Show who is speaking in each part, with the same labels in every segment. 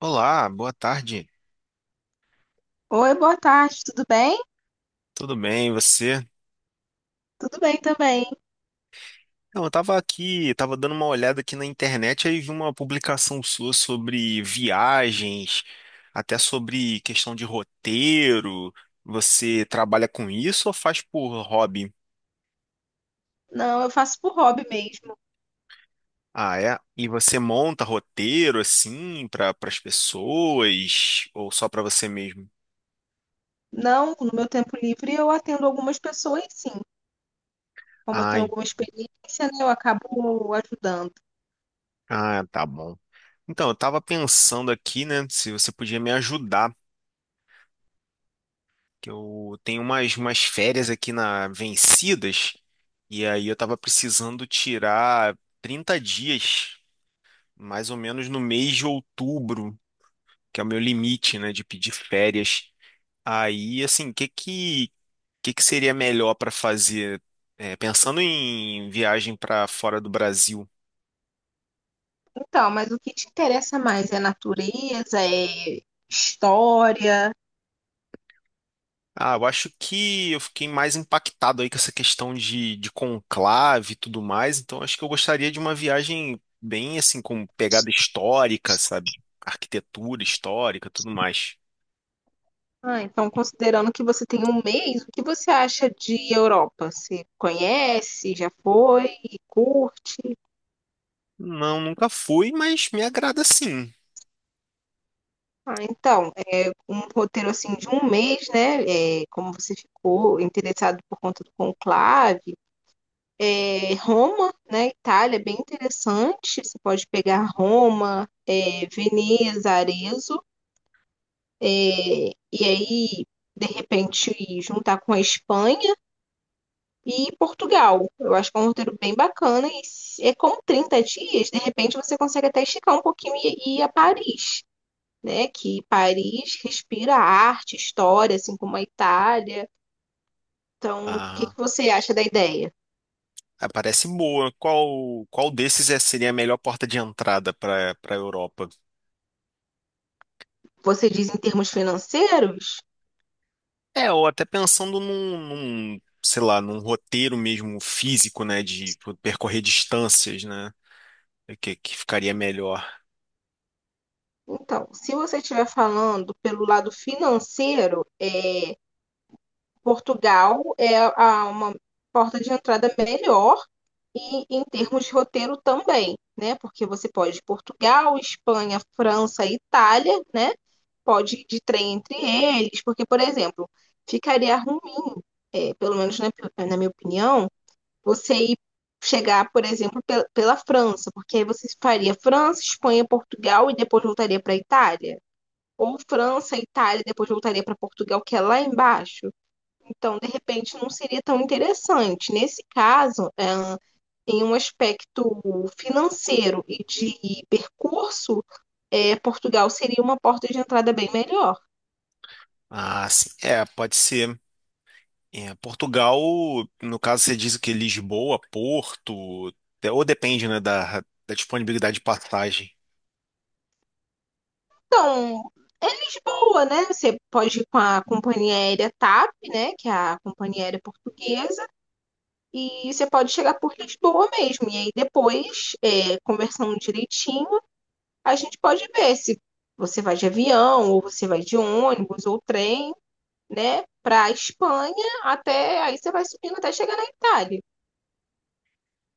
Speaker 1: Olá, boa tarde.
Speaker 2: Oi, boa tarde, tudo bem?
Speaker 1: Tudo bem, e você?
Speaker 2: Tudo bem também.
Speaker 1: Não, eu tava aqui, tava dando uma olhada aqui na internet aí vi uma publicação sua sobre viagens, até sobre questão de roteiro. Você trabalha com isso ou faz por hobby?
Speaker 2: Não, eu faço por hobby mesmo.
Speaker 1: Ah, é? E você monta roteiro assim para as pessoas ou só para você mesmo?
Speaker 2: Não, no meu tempo livre eu atendo algumas pessoas, sim. Como eu
Speaker 1: Ah,
Speaker 2: tenho
Speaker 1: en-
Speaker 2: alguma experiência, né, eu acabo ajudando.
Speaker 1: tá bom. Então, eu tava pensando aqui, né, se você podia me ajudar. Que eu tenho umas férias aqui na Vencidas, e aí eu tava precisando tirar 30 dias, mais ou menos no mês de outubro, que é o meu limite, né, de pedir férias. Aí, assim, que seria melhor para fazer? É, pensando em viagem para fora do Brasil.
Speaker 2: Então, mas o que te interessa mais é natureza, é história?
Speaker 1: Ah, eu acho que eu fiquei mais impactado aí com essa questão de conclave e tudo mais, então acho que eu gostaria de uma viagem bem assim, com pegada histórica, sabe? Arquitetura histórica, tudo mais.
Speaker 2: Ah, então, considerando que você tem um mês, o que você acha de Europa? Você conhece, já foi, curte?
Speaker 1: Não, nunca fui, mas me agrada sim.
Speaker 2: Ah, então, um roteiro assim de um mês, né? É, como você ficou interessado por conta do conclave, é, Roma, né? Itália, é bem interessante. Você pode pegar Roma, é, Veneza, Arezzo, é, e aí de repente juntar com a Espanha e Portugal. Eu acho que é um roteiro bem bacana e é como 30 dias, de repente você consegue até esticar um pouquinho e ir a Paris. Né, que Paris respira arte, história, assim como a Itália. Então, o que
Speaker 1: Ah,
Speaker 2: que você acha da ideia?
Speaker 1: ah, parece boa. Qual desses é, seria a melhor porta de entrada para a Europa?
Speaker 2: Você diz em termos financeiros?
Speaker 1: É, ou até pensando sei lá, num roteiro mesmo físico, né, de percorrer distâncias, né? Que ficaria melhor?
Speaker 2: Então, se você estiver falando pelo lado financeiro, é, Portugal é uma porta de entrada melhor e em termos de roteiro também, né? Porque você pode ir Portugal, Espanha, França, Itália, né? Pode ir de trem entre eles, porque, por exemplo, ficaria ruim, é, pelo menos na minha opinião, você ir chegar, por exemplo, pela França, porque aí você faria França, Espanha, Portugal e depois voltaria para Itália. Ou França, Itália, e depois voltaria para Portugal, que é lá embaixo. Então, de repente, não seria tão interessante. Nesse caso, é, em um aspecto financeiro e de percurso, é, Portugal seria uma porta de entrada bem melhor.
Speaker 1: Ah, sim. É, pode ser. É, Portugal, no caso, você diz que Lisboa, Porto, é, ou depende, né, da disponibilidade de passagem.
Speaker 2: Então, é Lisboa, né? Você pode ir com a companhia aérea TAP, né? Que é a companhia aérea portuguesa. E você pode chegar por Lisboa mesmo. E aí depois, é, conversando direitinho, a gente pode ver se você vai de avião, ou você vai de ônibus, ou trem, né? Para a Espanha, até aí você vai subindo até chegar na Itália.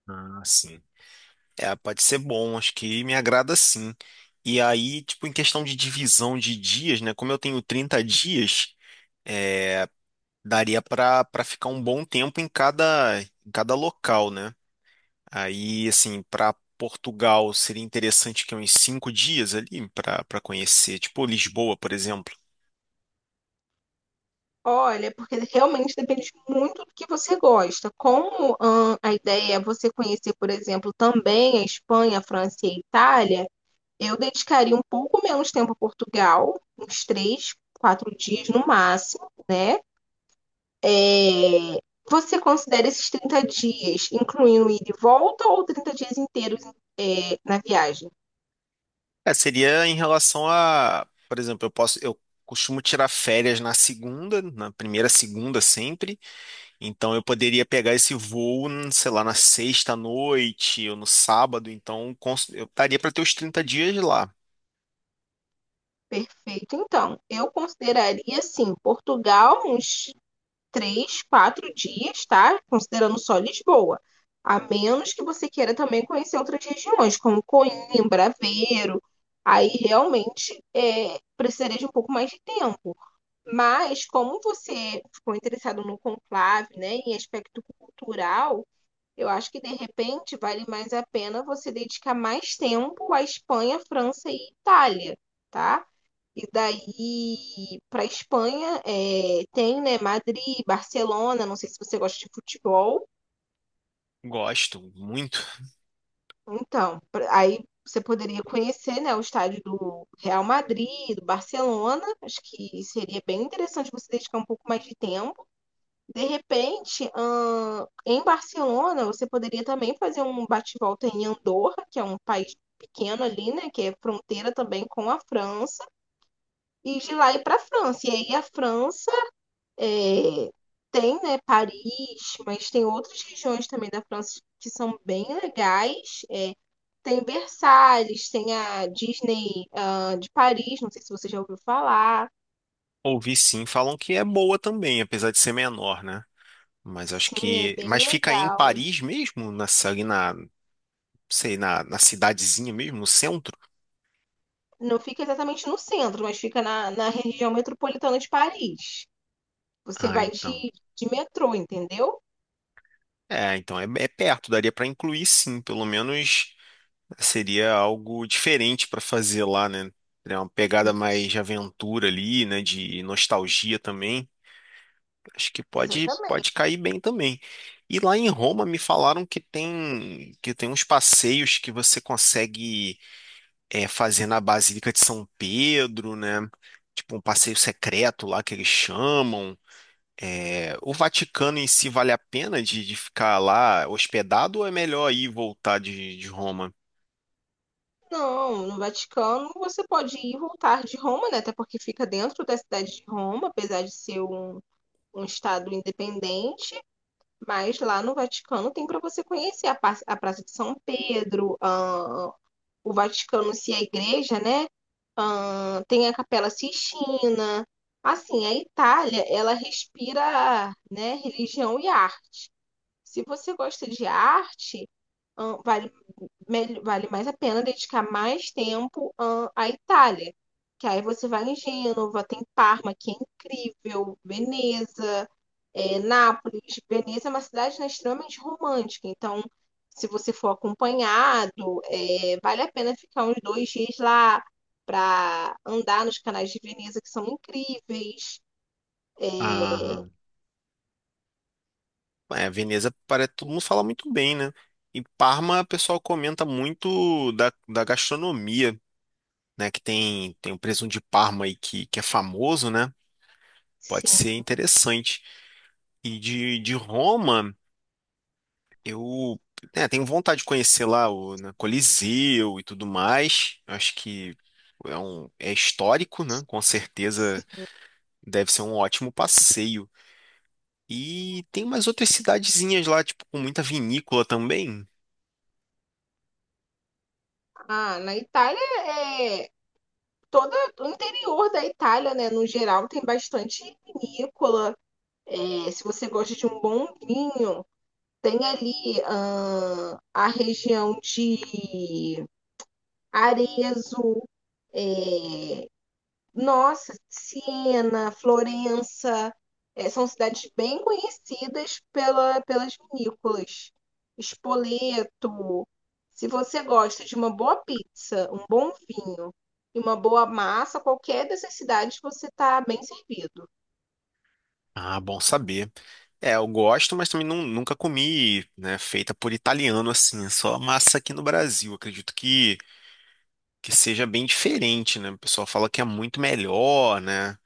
Speaker 1: Ah, sim. É, pode ser bom, acho que me agrada sim. E aí, tipo, em questão de divisão de dias, né, como eu tenho 30 dias, é, daria para ficar um bom tempo em em cada local, né? Aí, assim, para Portugal seria interessante que uns 5 dias ali para conhecer, tipo Lisboa, por exemplo.
Speaker 2: Olha, porque realmente depende muito do que você gosta. Como a ideia é você conhecer, por exemplo, também a Espanha, a França e a Itália, eu dedicaria um pouco menos tempo a Portugal, uns 3, 4 dias no máximo, né? É, você considera esses 30 dias, incluindo ida e volta, ou 30 dias inteiros na viagem?
Speaker 1: É, seria em relação a, por exemplo, eu costumo tirar férias na segunda, na primeira segunda sempre. Então eu poderia pegar esse voo, sei lá, na sexta à noite ou no sábado. Eu estaria para ter os 30 dias lá.
Speaker 2: Perfeito. Então, eu consideraria, assim, Portugal uns três, quatro dias, tá? Considerando só Lisboa. A menos que você queira também conhecer outras regiões, como Coimbra, Aveiro. Aí realmente é, precisaria de um pouco mais de tempo. Mas, como você ficou interessado no conclave, né, em aspecto cultural, eu acho que de repente vale mais a pena você dedicar mais tempo à Espanha, França e Itália, tá? E daí para Espanha é, tem, né, Madrid, Barcelona, não sei se você gosta de futebol.
Speaker 1: Gosto muito.
Speaker 2: Então, aí você poderia conhecer, né, o estádio do Real Madrid, do Barcelona. Acho que seria bem interessante você dedicar um pouco mais de tempo. De repente, em Barcelona, você poderia também fazer um bate-volta em Andorra, que é um país pequeno ali, né, que é fronteira também com a França, e de lá ir para a França. E aí a França é, tem, né, Paris, mas tem outras regiões também da França que são bem legais. É, tem Versalhes, tem a Disney, de Paris, não sei se você já ouviu falar.
Speaker 1: Ouvi sim, falam que é boa também, apesar de ser menor, né? Mas acho
Speaker 2: Sim, é
Speaker 1: que.
Speaker 2: bem
Speaker 1: Mas fica em
Speaker 2: legal.
Speaker 1: Paris mesmo? Nessa, ali na, sei, na, na cidadezinha mesmo, no centro?
Speaker 2: Não fica exatamente no centro, mas fica na região metropolitana de Paris. Você
Speaker 1: Ah,
Speaker 2: vai
Speaker 1: então.
Speaker 2: de metrô, entendeu?
Speaker 1: É, então é, é perto, daria para incluir sim, pelo menos seria algo diferente para fazer lá, né? É uma pegada mais
Speaker 2: Isso,
Speaker 1: de aventura ali, né? De nostalgia também. Acho que
Speaker 2: exatamente.
Speaker 1: pode cair bem também. E lá em Roma me falaram que tem uns passeios que você consegue, é, fazer na Basílica de São Pedro, né? Tipo um passeio secreto lá que eles chamam. É, o Vaticano em si vale a pena de ficar lá hospedado ou é melhor ir e voltar de Roma?
Speaker 2: Não, no Vaticano você pode ir e voltar de Roma, né? Até porque fica dentro da cidade de Roma, apesar de ser um estado independente. Mas lá no Vaticano tem para você conhecer a Praça de São Pedro, a, o Vaticano se é igreja, né? Tem a Capela Sistina. Assim, a Itália, ela respira, né, religião e arte. Se você gosta de arte, vale, vale mais a pena dedicar mais tempo, à Itália. Que aí você vai em Gênova, tem Parma, que é incrível, Veneza. É, Nápoles, Veneza é uma cidade, né, extremamente romântica, então se você for acompanhado, é, vale a pena ficar uns 2 dias lá para andar nos canais de Veneza que são incríveis. É,
Speaker 1: Aham. É, Veneza, parece, todo mundo fala muito bem, né? E Parma, o pessoal comenta muito da gastronomia, né? Que tem o presunto de Parma aí que é famoso, né? Pode
Speaker 2: sim,
Speaker 1: ser interessante. E de Roma. Eu, né, tenho vontade de conhecer lá, o, né, Coliseu e tudo mais. Acho que é um, é histórico, né? Com certeza deve ser um ótimo passeio. E tem umas outras cidadezinhas lá, tipo, com muita vinícola também.
Speaker 2: na Itália é toda o interior da Itália, né, no geral tem bastante vinícola. É, se você gosta de um bom vinho, tem ali a região de Arezzo. É, nossa, Siena, Florença, é, são cidades bem conhecidas pelas vinícolas. Spoleto. Se você gosta de uma boa pizza, um bom vinho e uma boa massa, qualquer dessas cidades você está bem servido.
Speaker 1: Ah, bom saber. É, eu gosto, mas também nunca comi, né, feita por italiano assim. É só massa aqui no Brasil. Acredito que seja bem diferente, né? O pessoal fala que é muito melhor, né?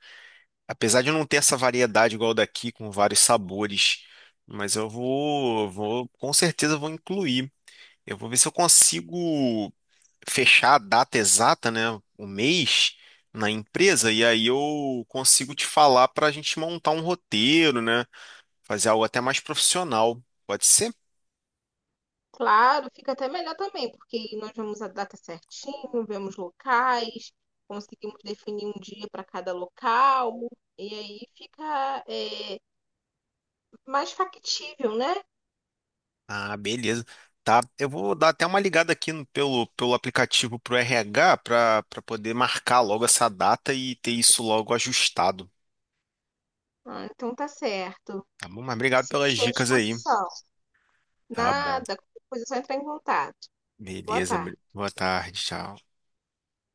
Speaker 1: Apesar de não ter essa variedade igual daqui, com vários sabores, mas eu vou, com certeza vou incluir. Eu vou ver se eu consigo fechar a data exata, né, o mês na empresa, e aí eu consigo te falar para a gente montar um roteiro, né, fazer algo até mais profissional. Pode ser?
Speaker 2: Claro, fica até melhor também, porque aí nós vemos a data certinho, vemos locais, conseguimos definir um dia para cada local, e aí fica, é, mais factível, né?
Speaker 1: Ah, beleza. Tá, eu vou dar até uma ligada aqui pelo, pelo aplicativo pro RH para poder marcar logo essa data e ter isso logo ajustado.
Speaker 2: Ah, então tá certo.
Speaker 1: Tá bom, mas obrigado pelas
Speaker 2: Estou à
Speaker 1: dicas aí.
Speaker 2: disposição.
Speaker 1: Tá bom.
Speaker 2: Nada, qualquer coisa é só entrar em contato. Boa
Speaker 1: Beleza.
Speaker 2: tarde.
Speaker 1: Boa tarde, tchau.